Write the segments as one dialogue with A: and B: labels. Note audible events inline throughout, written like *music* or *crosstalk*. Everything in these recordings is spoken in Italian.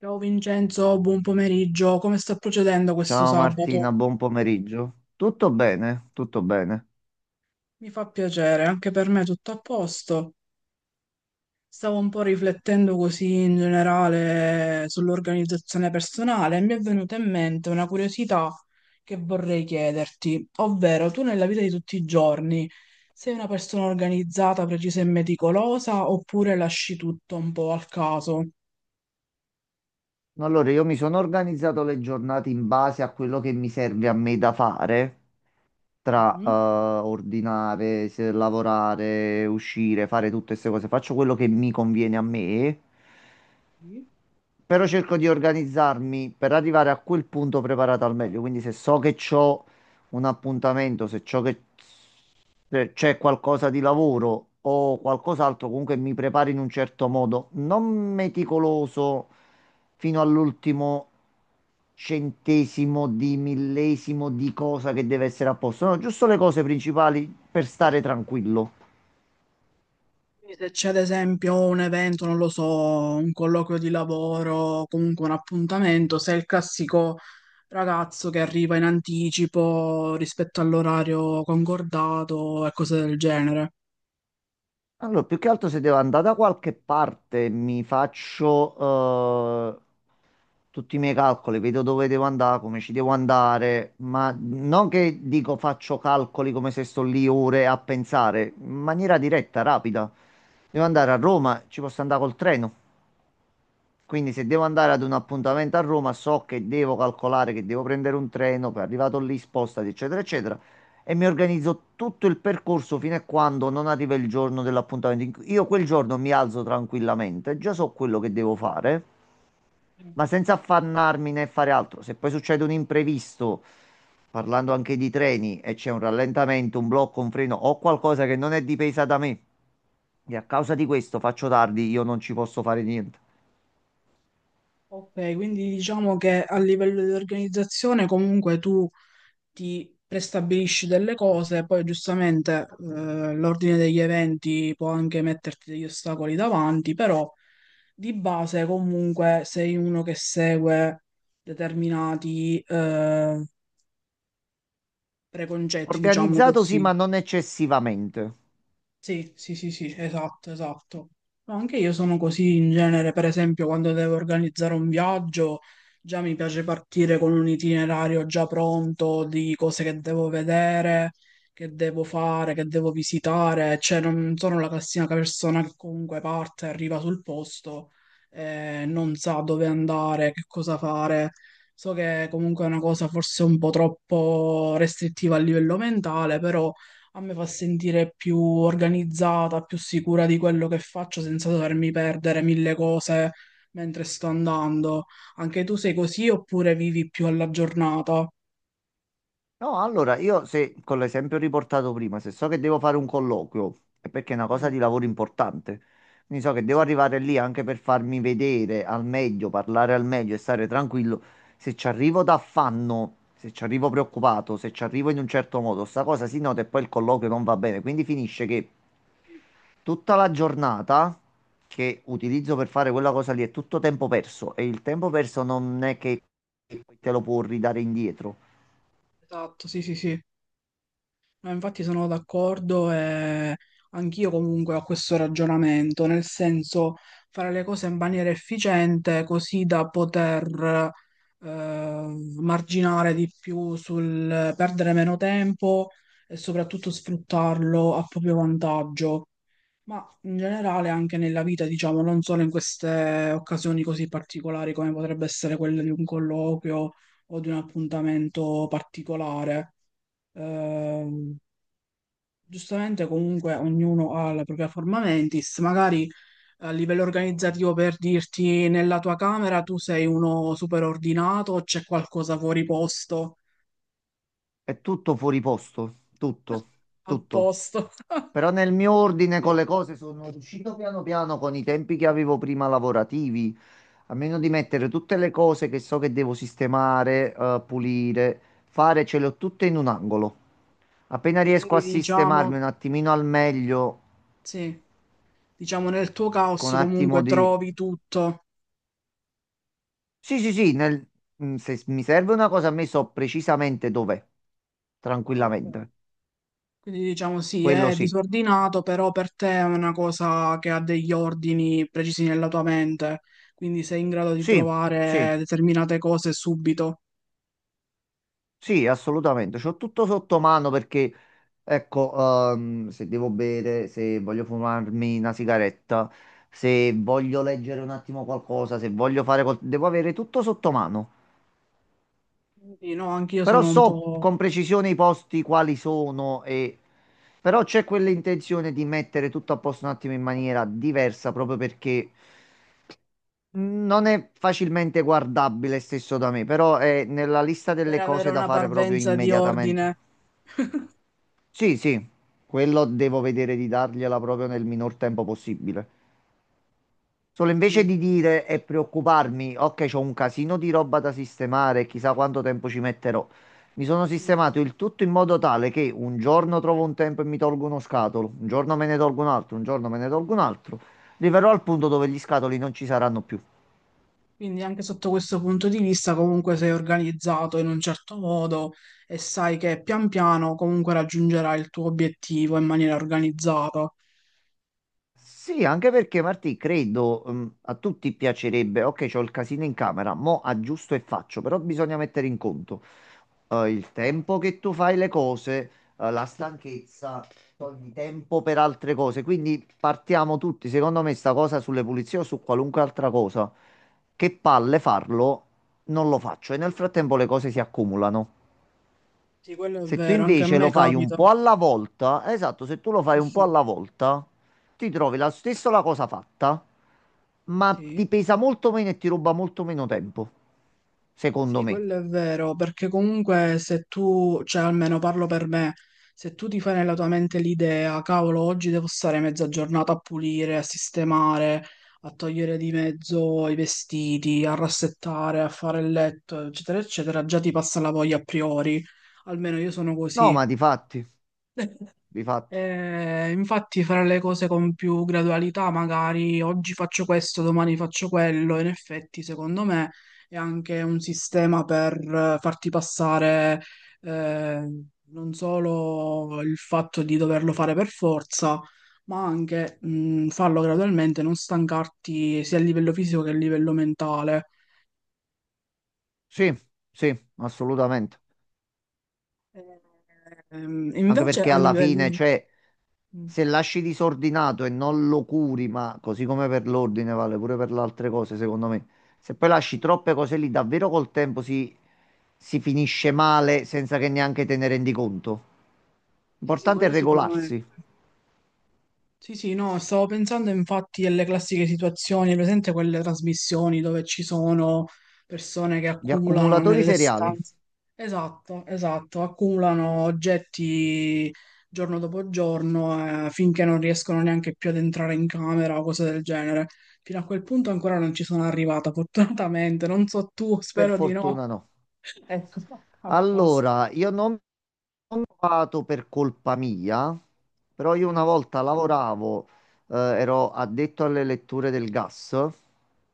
A: Ciao Vincenzo, buon pomeriggio. Come sta procedendo questo
B: Ciao
A: sabato?
B: Martina, buon pomeriggio. Tutto bene, tutto bene.
A: Mi fa piacere, anche per me tutto a posto. Stavo un po' riflettendo così in generale sull'organizzazione personale e mi è venuta in mente una curiosità che vorrei chiederti, ovvero tu nella vita di tutti i giorni sei una persona organizzata, precisa e meticolosa oppure lasci tutto un po' al caso?
B: Allora, io mi sono organizzato le giornate in base a quello che mi serve a me da fare, tra
A: Mhm.
B: ordinare, lavorare, uscire, fare tutte queste cose. Faccio quello che mi conviene a me,
A: Sì.
B: però cerco di organizzarmi per arrivare a quel punto preparato al meglio. Quindi se so che ho un appuntamento, se ciò che Cioè, c'è qualcosa di lavoro o qualcos'altro, comunque mi preparo in un certo modo, non meticoloso fino all'ultimo centesimo di millesimo di cosa che deve essere a posto, no, giusto le cose principali per stare tranquillo.
A: Quindi se c'è ad esempio un evento, non lo so, un colloquio di lavoro, comunque un appuntamento, sei il classico ragazzo che arriva in anticipo rispetto all'orario concordato e cose del genere.
B: Allora, più che altro se devo andare da qualche parte, mi faccio tutti i miei calcoli, vedo dove devo andare, come ci devo andare, ma non che dico faccio calcoli come se sto lì ore a pensare, in maniera diretta, rapida. Devo andare a
A: Mhm.
B: Roma, ci posso andare col treno. Quindi se devo andare ad un appuntamento a Roma, so che devo calcolare che devo prendere un treno, poi arrivato lì spostati, eccetera, eccetera, e mi organizzo tutto il percorso fino a quando non arriva il giorno dell'appuntamento. Io quel giorno mi alzo tranquillamente, già so quello che devo fare, ma senza affannarmi né fare altro. Se poi succede un imprevisto, parlando anche di treni, e c'è un rallentamento, un blocco, un freno o qualcosa che non è dipesa da me, e a causa di questo faccio tardi, io non ci posso fare niente.
A: Ok, quindi diciamo che a livello di organizzazione comunque tu ti prestabilisci delle cose, poi giustamente l'ordine degli eventi può anche metterti degli ostacoli davanti, però di base comunque sei uno che segue determinati preconcetti, diciamo
B: Organizzato sì,
A: così.
B: ma non eccessivamente.
A: Sì, sì, sì, sì, esatto, esatto. No, anche io sono così in genere, per esempio, quando devo organizzare un viaggio, già mi piace partire con un itinerario già pronto di cose che devo vedere, che devo fare, che devo visitare, cioè non sono la classica persona che comunque parte, arriva sul posto, non sa dove andare, che cosa fare. So che comunque è una cosa forse un po' troppo restrittiva a livello mentale, però a me fa sentire più organizzata, più sicura di quello che faccio senza dovermi perdere mille cose mentre sto andando. Anche tu sei così oppure vivi più alla giornata?
B: No, allora io se con l'esempio riportato prima, se so che devo fare un colloquio, è perché è una cosa
A: Mm,
B: di lavoro importante. Quindi so che devo
A: sì,
B: arrivare lì anche per farmi vedere al meglio, parlare al meglio e stare tranquillo. Se ci arrivo d'affanno, se ci arrivo preoccupato, se ci arrivo in un certo modo, sta cosa si nota e poi il colloquio non va bene. Quindi finisce che
A: sì,
B: tutta la giornata che utilizzo per fare quella cosa lì è tutto tempo perso e il tempo perso non è che te lo può ridare indietro.
A: esatto, sì, sì, sì. No, infatti sono d'accordo e anch'io comunque ho questo ragionamento, nel senso fare le cose in maniera efficiente così da poter marginare di più sul perdere meno tempo e soprattutto sfruttarlo a proprio vantaggio, ma in generale anche nella vita, diciamo, non solo in queste occasioni così particolari come potrebbe essere quella di un colloquio o di un appuntamento particolare. Ehm, Giustamente comunque ognuno ha la propria forma mentis, magari a livello organizzativo per dirti nella tua camera tu sei uno super ordinato o c'è qualcosa fuori posto?
B: È tutto fuori posto, tutto,
A: *laughs* A
B: tutto.
A: posto. *laughs*
B: Però nel mio ordine con le cose sono riuscito piano piano con i tempi che avevo prima lavorativi, a meno di
A: Mm.
B: mettere tutte le cose che so che devo sistemare, pulire, fare, ce le ho tutte in un angolo. Appena riesco
A: Quindi
B: a sistemarmi
A: diciamo,
B: un attimino al meglio,
A: sì, diciamo nel tuo
B: cerco
A: caos
B: un attimo
A: comunque
B: di...
A: trovi tutto.
B: Sì, sì, sì, se mi serve una cosa a me so precisamente dov'è,
A: Ok.
B: tranquillamente.
A: Quindi diciamo sì,
B: Quello
A: è
B: sì.
A: disordinato, però per te è una cosa che ha degli ordini precisi nella tua mente, quindi sei in grado di
B: Sì,
A: trovare
B: sì.
A: determinate cose subito.
B: Sì, assolutamente, c'ho tutto sotto mano perché, ecco, se devo bere, se voglio fumarmi una sigaretta, se voglio leggere un attimo qualcosa, se voglio devo avere tutto sotto mano.
A: Quindi no, anch'io
B: Però
A: sono un
B: so
A: po'
B: con precisione i posti quali sono e... Però c'è quell'intenzione di mettere tutto a posto un attimo in maniera diversa proprio perché non è facilmente guardabile stesso da me, però è nella lista
A: per
B: delle
A: avere
B: cose da
A: una
B: fare proprio
A: parvenza di
B: immediatamente.
A: ordine,
B: Sì, sì, quello devo vedere di dargliela proprio nel minor tempo possibile. Solo invece
A: sì.
B: di dire e preoccuparmi, ok, c'ho un casino di roba da sistemare, chissà quanto tempo ci metterò. Mi sono
A: Mm.
B: sistemato il tutto in modo tale che un giorno trovo un tempo e mi tolgo uno scatolo, un giorno me ne tolgo un altro, un giorno me ne tolgo un altro. Arriverò al punto dove gli scatoli non ci saranno più.
A: Quindi anche sotto questo punto di vista comunque sei organizzato in un certo modo e sai che pian piano comunque raggiungerai il tuo obiettivo in maniera organizzata.
B: Sì, anche perché Martì, credo, a tutti piacerebbe, ok, c'ho il casino in camera, mo aggiusto e faccio, però bisogna mettere in conto. Il tempo che tu fai le cose, la stanchezza, togli tempo per altre cose. Quindi partiamo tutti, secondo me, sta cosa sulle pulizie o su qualunque altra cosa. Che palle farlo, non lo faccio e nel frattempo le cose si accumulano.
A: Sì, quello è
B: Se tu
A: vero, anche a
B: invece
A: me
B: lo fai un
A: capita.
B: po' alla volta, esatto, se tu lo fai
A: Sì,
B: un po'
A: sì,
B: alla volta, ti trovi la stessa la cosa fatta, ma
A: sì.
B: ti pesa molto meno e ti ruba molto meno tempo, secondo
A: Sì,
B: me.
A: quello è vero, perché comunque se tu, cioè almeno parlo per me, se tu ti fai nella tua mente l'idea, cavolo, oggi devo stare mezza giornata a pulire, a sistemare, a togliere di mezzo i vestiti, a rassettare, a fare il letto, eccetera, eccetera, già ti passa la voglia a priori. Almeno io sono
B: No,
A: così,
B: ma di fatti, di fatti.
A: infatti fare le cose con più gradualità, magari oggi faccio questo, domani faccio quello, in effetti secondo me è anche un sistema per farti passare eh, non solo il fatto di doverlo fare per forza, ma anche farlo gradualmente, non stancarti sia a livello fisico che a livello mentale.
B: Sì, sì, assolutamente.
A: Eh,
B: Anche
A: invece
B: perché
A: a
B: alla fine,
A: livello...
B: cioè,
A: mm,
B: se lasci disordinato e non lo curi, ma così come per l'ordine vale pure per le altre cose, secondo me. Se poi lasci
A: Sì,
B: troppe cose lì, davvero col tempo si finisce male senza che neanche te ne rendi conto.
A: sì, sì,
B: L'importante è
A: quello sicuramente.
B: regolarsi.
A: Sì, sì, no, stavo pensando infatti alle classiche situazioni, hai presente quelle trasmissioni dove ci sono persone che
B: Gli
A: accumulano
B: accumulatori
A: nelle
B: seriali,
A: stanze. Esatto, esatto, accumulano oggetti giorno dopo giorno finché non riescono neanche più ad entrare in camera o cose del genere. Fino a quel punto ancora non ci sono arrivata, *laughs* fortunatamente, non so tu,
B: per
A: spero di no.
B: fortuna no.
A: *laughs* Ecco, a posto.
B: Allora, io non ho provato per colpa mia, però io una
A: Mm,
B: volta lavoravo, ero addetto alle letture del gas.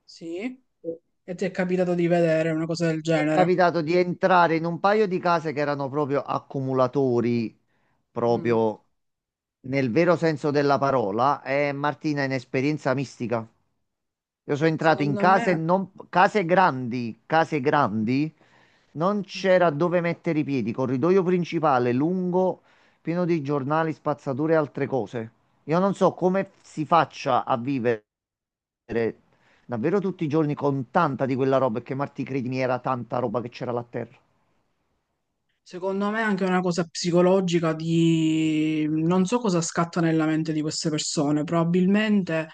A: sì, e ti è capitato di vedere una cosa del
B: Mi è
A: genere?
B: capitato di entrare in un paio di case che erano proprio accumulatori,
A: Mm,
B: proprio nel vero senso della parola. E Martina, in esperienza mistica. Io sono entrato in
A: secondo
B: case,
A: me.
B: non, case grandi, non c'era dove mettere i piedi, corridoio principale lungo, pieno di giornali, spazzature e altre cose. Io non so come si faccia a vivere davvero tutti i giorni con tanta di quella roba, perché Marti, credimi, era tanta roba che c'era là a terra.
A: Secondo me è anche una cosa psicologica di non so cosa scatta nella mente di queste persone, probabilmente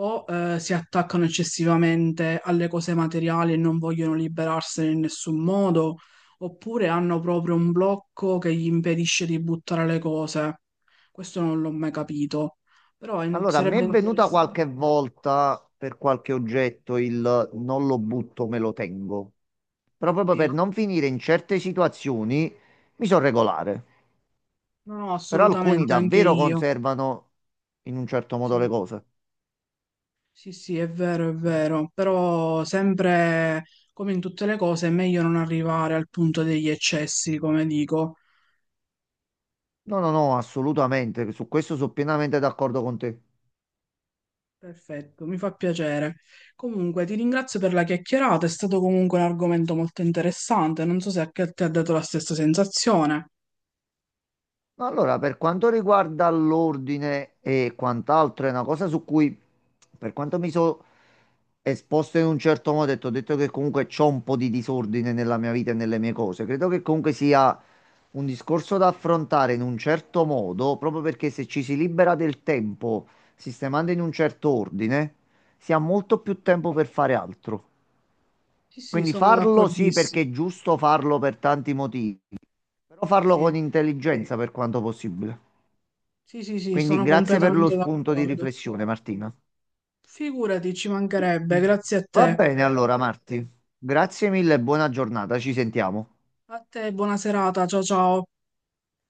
A: o si attaccano eccessivamente alle cose materiali e non vogliono liberarsene in nessun modo, oppure hanno proprio un blocco che gli impedisce di buttare le cose. Questo non l'ho mai capito, però
B: Allora, a me
A: sarebbe
B: è venuta
A: interessante.
B: qualche volta per qualche oggetto il non lo butto, me lo tengo. Però proprio
A: Sì.
B: per non finire in certe situazioni mi sono regolare.
A: No, no,
B: Però alcuni
A: assolutamente, anche
B: davvero
A: io.
B: conservano in un certo modo le
A: Sì.
B: cose.
A: Sì, sì, è vero, però sempre come in tutte le cose è meglio non arrivare al punto degli eccessi, come dico.
B: No, no, no, assolutamente. Su questo sono pienamente d'accordo con te.
A: Perfetto, mi fa piacere. Comunque, ti ringrazio per la chiacchierata, è stato comunque un argomento molto interessante, non so se anche a te ha dato la stessa sensazione.
B: Allora, per quanto riguarda l'ordine e quant'altro, è una cosa su cui, per quanto mi sono esposto in un certo modo, e ti ho detto che comunque c'ho un po' di disordine nella mia vita e nelle mie cose. Credo che comunque sia un discorso da affrontare in un certo modo, proprio perché se ci si libera del tempo sistemando in un certo ordine, si ha molto più tempo per fare altro.
A: Sì, sì,
B: Quindi
A: sono
B: farlo sì, perché
A: d'accordissimo.
B: è giusto farlo per tanti motivi, però farlo con
A: Sì,
B: intelligenza per quanto possibile.
A: sì, sì, sì,
B: Quindi
A: sono
B: grazie per lo
A: completamente
B: spunto di
A: d'accordo.
B: riflessione, Martina.
A: Figurati, ci mancherebbe, grazie a
B: Va
A: te.
B: bene allora, Marti. Grazie mille e buona giornata. Ci sentiamo.
A: A te, buona serata, ciao ciao.